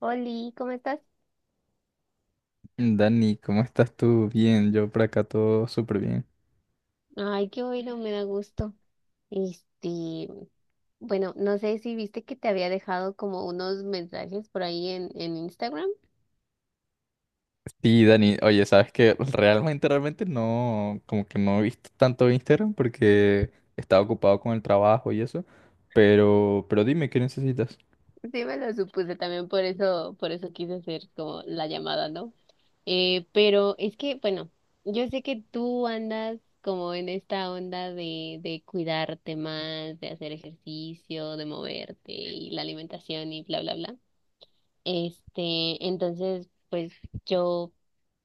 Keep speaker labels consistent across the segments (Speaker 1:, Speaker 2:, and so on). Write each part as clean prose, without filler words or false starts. Speaker 1: Oli, ¿cómo estás?
Speaker 2: Dani, ¿cómo estás tú? Bien, yo por acá todo súper bien.
Speaker 1: Ay, qué bueno, me da gusto. Este, bueno, no sé si viste que te había dejado como unos mensajes por ahí en Instagram.
Speaker 2: Sí, Dani, oye, sabes que realmente, realmente no, como que no he visto tanto Instagram porque estaba ocupado con el trabajo y eso, pero dime, ¿qué necesitas?
Speaker 1: Sí, me lo supuse también, por eso quise hacer como la llamada, ¿no? Pero es que, bueno, yo sé que tú andas como en esta onda de cuidarte más, de hacer ejercicio, de moverte y la alimentación y bla, bla, bla. Entonces, pues yo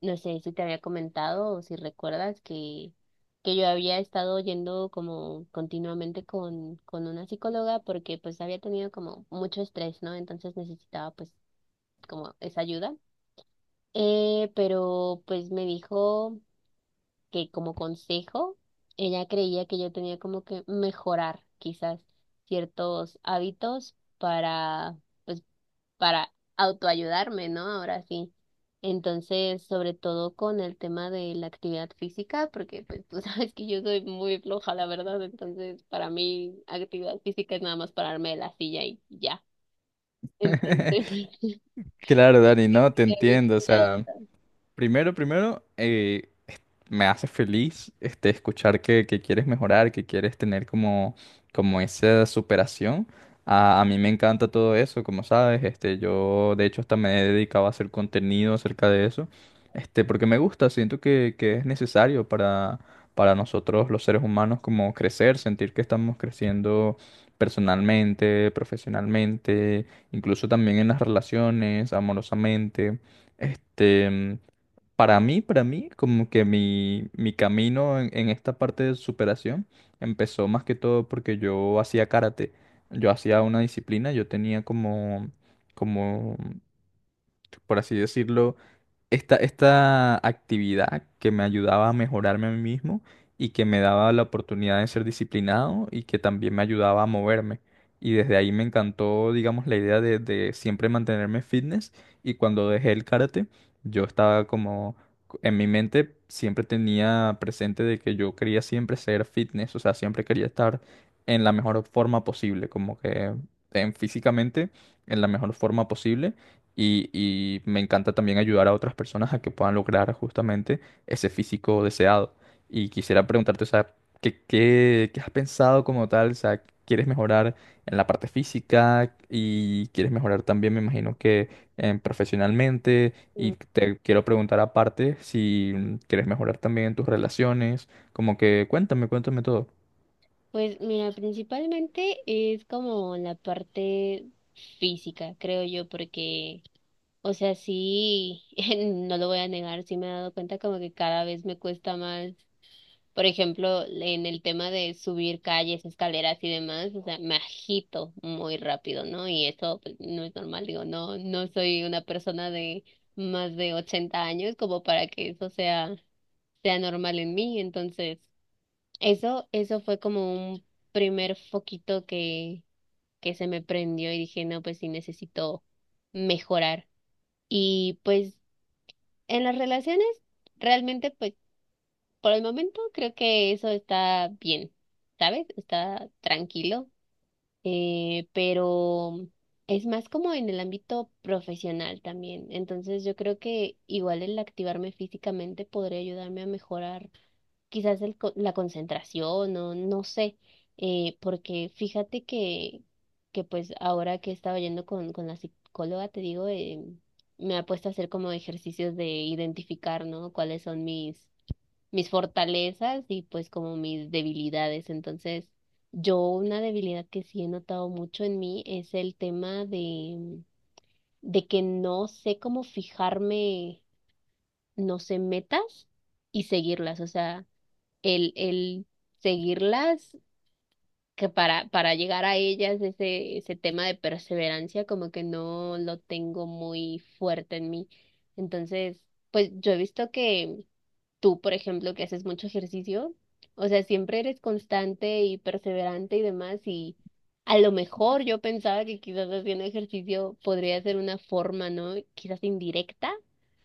Speaker 1: no sé si te había comentado o si recuerdas que yo había estado yendo como continuamente con una psicóloga porque pues había tenido como mucho estrés, ¿no? Entonces necesitaba pues como esa ayuda. Pero pues me dijo que como consejo, ella creía que yo tenía como que mejorar quizás ciertos hábitos para pues para autoayudarme, ¿no? Ahora sí. Entonces, sobre todo con el tema de la actividad física, porque pues tú sabes que yo soy muy floja, la verdad, entonces para mí actividad física es nada más pararme de la silla y ya. Entonces,
Speaker 2: Claro, Dani, no, te
Speaker 1: a ver
Speaker 2: entiendo, o
Speaker 1: si me
Speaker 2: sea,
Speaker 1: ayudas.
Speaker 2: primero, me hace feliz este, escuchar que quieres mejorar, que quieres tener como, como esa superación. A mí me encanta todo eso, como sabes, este, yo de hecho hasta me he dedicado a hacer contenido acerca de eso, este, porque me gusta, siento que es necesario para nosotros los seres humanos como crecer, sentir que estamos creciendo personalmente, profesionalmente, incluso también en las relaciones, amorosamente. Este, para mí, como que mi camino en esta parte de superación empezó más que todo porque yo hacía karate. Yo hacía una disciplina, yo tenía como, como, por así decirlo, esta actividad que me ayudaba a mejorarme a mí mismo y que me daba la oportunidad de ser disciplinado y que también me ayudaba a moverme. Y desde ahí me encantó, digamos, la idea de siempre mantenerme fitness y cuando dejé el karate, yo estaba como, en mi mente siempre tenía presente de que yo quería siempre ser fitness, o sea, siempre quería estar en la mejor forma posible, como que en, físicamente en la mejor forma posible y me encanta también ayudar a otras personas a que puedan lograr justamente ese físico deseado. Y quisiera preguntarte, o sea, ¿qué, qué, qué has pensado como tal? O sea, ¿quieres mejorar en la parte física y quieres mejorar también, me imagino que profesionalmente? Y
Speaker 1: Mm.
Speaker 2: te quiero preguntar aparte si quieres mejorar también en tus relaciones. Como que cuéntame, cuéntame todo.
Speaker 1: Pues mira, principalmente es como la parte física, creo yo, porque, o sea, sí, no lo voy a negar, sí me he dado cuenta como que cada vez me cuesta más. Por ejemplo, en el tema de subir calles, escaleras y demás, o sea, me agito muy rápido, ¿no? Y eso pues, no es normal, digo, no, no soy una persona de más de 80 años como para que sea normal en mí. Entonces, eso fue como un primer foquito que se me prendió y dije, no, pues sí necesito mejorar. Y pues en las relaciones, realmente, pues por el momento creo que eso está bien, ¿sabes? Está tranquilo, pero es más como en el ámbito profesional también. Entonces yo creo que igual el activarme físicamente podría ayudarme a mejorar quizás la concentración o no sé, porque fíjate que pues ahora que he estado yendo con la psicóloga, te digo, me ha puesto a hacer como ejercicios de identificar, ¿no? ¿Cuáles son mis fortalezas y pues como mis debilidades? Entonces, yo una debilidad que sí he notado mucho en mí es el tema de que no sé cómo fijarme, no sé, metas y seguirlas. O sea, el seguirlas, que para llegar a ellas, ese tema de perseverancia, como que no lo tengo muy fuerte en mí. Entonces, pues yo he visto que tú, por ejemplo, que haces mucho ejercicio, o sea, siempre eres constante y perseverante y demás, y a lo mejor yo pensaba que quizás haciendo ejercicio podría ser una forma, ¿no? Quizás indirecta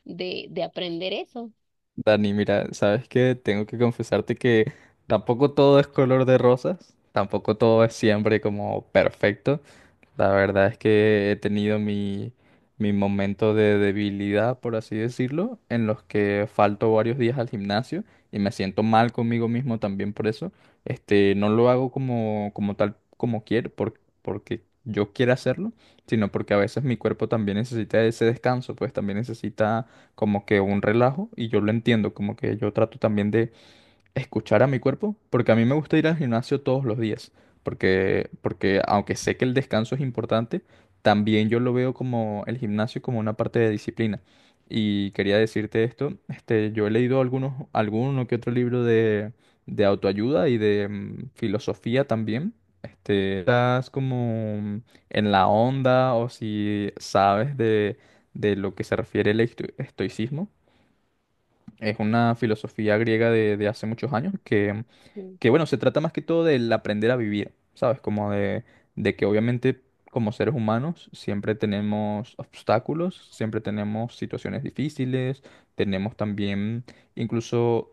Speaker 1: de aprender eso.
Speaker 2: Dani, mira, sabes que tengo que confesarte que tampoco todo es color de rosas, tampoco todo es siempre como perfecto. La verdad es que he tenido mi momento de debilidad, por así decirlo, en los que falto varios días al gimnasio y me siento mal conmigo mismo también por eso. Este, no lo hago como, como tal, como quiero, porque yo quiero hacerlo, sino porque a veces mi cuerpo también necesita ese descanso, pues también necesita como que un relajo y yo lo entiendo, como que yo trato también escuchar a mi cuerpo, porque a mí me gusta ir al gimnasio todos los días, porque aunque sé que el descanso es importante, también yo lo veo como el gimnasio como una parte de disciplina. Y quería decirte esto, este, yo he leído algunos, alguno que otro libro de autoayuda y de filosofía también. Este, estás como en la onda o si sabes de lo que se refiere el estoicismo. Es una filosofía griega de hace muchos años que
Speaker 1: Mm,
Speaker 2: que bueno, se trata más que todo del aprender a vivir, ¿sabes? Como de que obviamente como seres humanos siempre tenemos obstáculos, siempre tenemos situaciones difíciles, tenemos también incluso...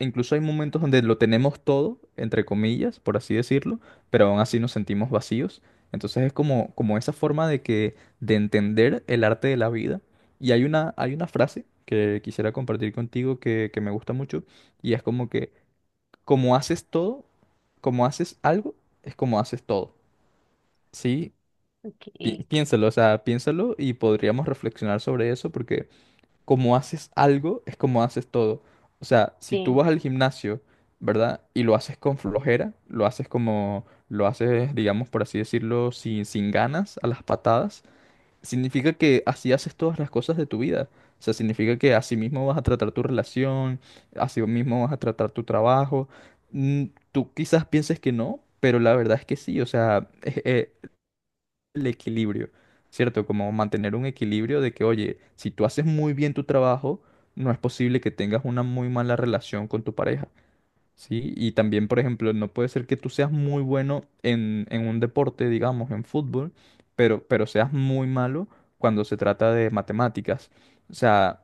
Speaker 2: Incluso hay momentos donde lo tenemos todo, entre comillas, por así decirlo, pero aún así nos sentimos vacíos. Entonces es como, como esa forma de que, de entender el arte de la vida. Y hay una frase que quisiera compartir contigo que me gusta mucho, y es como que como haces todo, como haces algo, es como haces todo, ¿sí?
Speaker 1: okay,
Speaker 2: Piénsalo, o sea, piénsalo y podríamos reflexionar sobre eso porque como haces algo, es como haces todo. O sea, si tú
Speaker 1: sí.
Speaker 2: vas al gimnasio, ¿verdad? Y lo haces con flojera, lo haces como, lo haces, digamos, por así decirlo, sin ganas, a las patadas. Significa que así haces todas las cosas de tu vida. O sea, significa que así mismo vas a tratar tu relación, así mismo vas a tratar tu trabajo. Mm, Tú quizás pienses que no, pero la verdad es que sí. O sea, es, el equilibrio, ¿cierto? Como mantener un equilibrio de que, oye, si tú haces muy bien tu trabajo, no es posible que tengas una muy mala relación con tu pareja. ¿Sí? Y también, por ejemplo, no puede ser que tú seas muy bueno en un deporte, digamos, en fútbol, pero seas muy malo cuando se trata de matemáticas. O sea,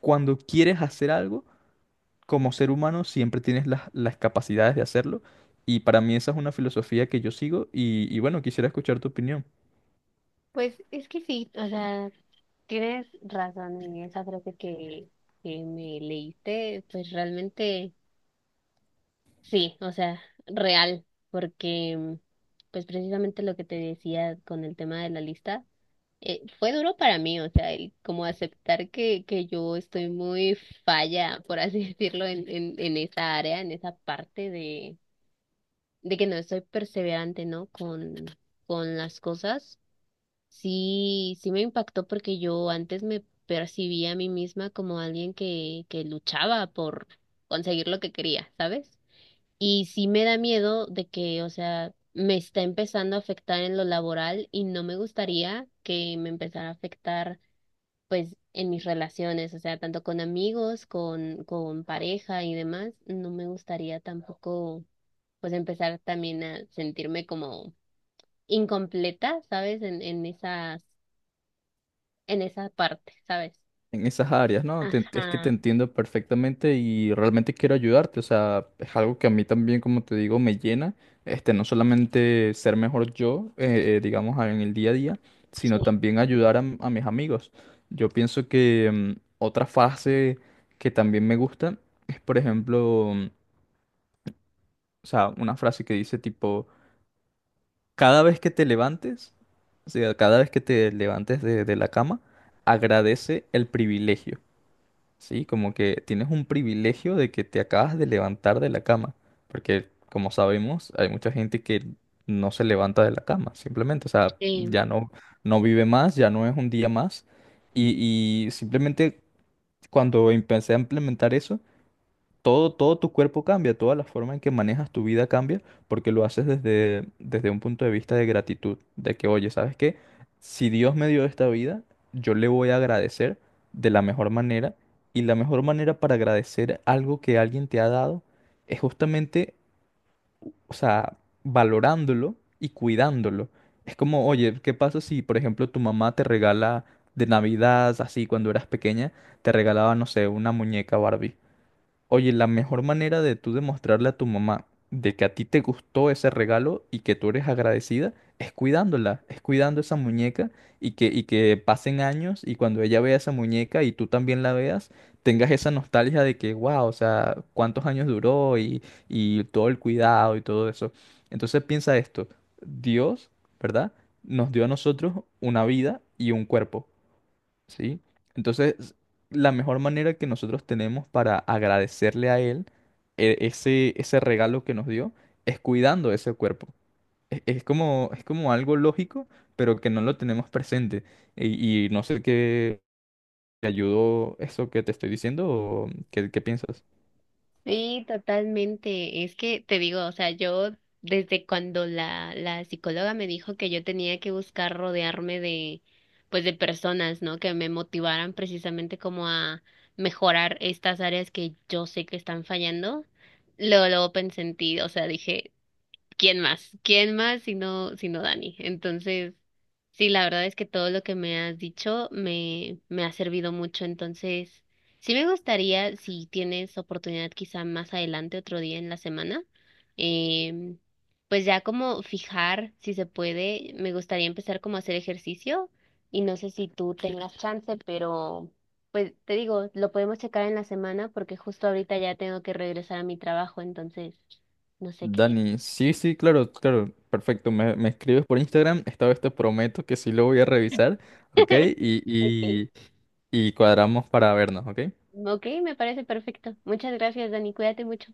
Speaker 2: cuando quieres hacer algo, como ser humano, siempre tienes las capacidades de hacerlo. Y para mí esa es una filosofía que yo sigo y bueno, quisiera escuchar tu opinión.
Speaker 1: Pues es que sí, o sea, tienes razón en esa frase que me leíste, pues realmente. Sí, o sea, real, porque pues precisamente lo que te decía con el tema de la lista, fue duro para mí, o sea, el como aceptar que yo estoy muy falla, por así decirlo, en esa área, en esa parte de que no estoy perseverante, ¿no? Con las cosas. Sí, sí me impactó porque yo antes me percibía a mí misma como alguien que luchaba por conseguir lo que quería, ¿sabes? Y sí me da miedo de que, o sea, me está empezando a afectar en lo laboral y no me gustaría que me empezara a afectar, pues, en mis relaciones, o sea, tanto con amigos, con pareja y demás. No me gustaría tampoco, pues, empezar también a sentirme como incompleta, ¿sabes? En esa parte, ¿sabes?
Speaker 2: En esas áreas, ¿no? Es que te
Speaker 1: Ajá,
Speaker 2: entiendo perfectamente y realmente quiero ayudarte, o sea, es algo que a mí también, como te digo, me llena, este, no solamente ser mejor yo, digamos, en el día a día,
Speaker 1: sí.
Speaker 2: sino también ayudar a, a mis amigos. Yo pienso que otra frase que también me gusta es, por ejemplo, o sea, una frase que dice tipo, cada vez que te levantes, o sea, cada vez que te levantes de la cama, agradece el privilegio. Sí, como que tienes un privilegio de que te acabas de levantar de la cama, porque como sabemos, hay mucha gente que no se levanta de la cama, simplemente, o sea,
Speaker 1: Sí.
Speaker 2: ya no, no vive más, ya no es un día más, y simplemente cuando empecé a implementar eso, todo, todo tu cuerpo cambia, toda la forma en que manejas tu vida cambia, porque lo haces desde, desde un punto de vista de gratitud, de que, oye, ¿sabes qué? Si Dios me dio esta vida, yo le voy a agradecer de la mejor manera, y la mejor manera para agradecer algo que alguien te ha dado es justamente, o sea, valorándolo y cuidándolo. Es como, oye, ¿qué pasa si, por ejemplo, tu mamá te regala de Navidad, así cuando eras pequeña, te regalaba, no sé, una muñeca Barbie? Oye, la mejor manera de tú demostrarle a tu mamá de que a ti te gustó ese regalo y que tú eres agradecida es cuidándola, es cuidando esa muñeca y que pasen años y cuando ella vea esa muñeca y tú también la veas, tengas esa nostalgia de que, wow, o sea, cuántos años duró y todo el cuidado y todo eso. Entonces piensa esto, Dios, ¿verdad? Nos dio a nosotros una vida y un cuerpo. ¿Sí? Entonces, la mejor manera que nosotros tenemos para agradecerle a Él ese, ese regalo que nos dio es cuidando ese cuerpo. Es como algo lógico, pero que no lo tenemos presente. Y no sé qué te ayudó eso que te estoy diciendo o qué, qué piensas.
Speaker 1: Sí, totalmente. Es que te digo, o sea, yo desde cuando la psicóloga me dijo que yo tenía que buscar rodearme de, pues de personas, ¿no? Que me motivaran precisamente como a mejorar estas áreas que yo sé que están fallando. Luego, luego pensé en ti, o sea, dije, ¿quién más? ¿Quién más si no, si no Dani? Entonces, sí, la verdad es que todo lo que me has dicho me, me ha servido mucho. Entonces, sí me gustaría, si tienes oportunidad quizá más adelante, otro día en la semana, em, pues ya como fijar, si se puede, me gustaría empezar como a hacer ejercicio y no sé si tú tengas chance, pero pues te digo, lo podemos checar en la semana porque justo ahorita ya tengo que regresar a mi trabajo, entonces, no sé qué.
Speaker 2: Dani, sí, sí, claro, claro, perfecto. Me escribes por Instagram, esta vez te prometo que sí lo voy a revisar, ¿ok? Y,
Speaker 1: Ok,
Speaker 2: y, y cuadramos para vernos, ¿ok?
Speaker 1: ok, me parece perfecto. Muchas gracias, Dani. Cuídate mucho.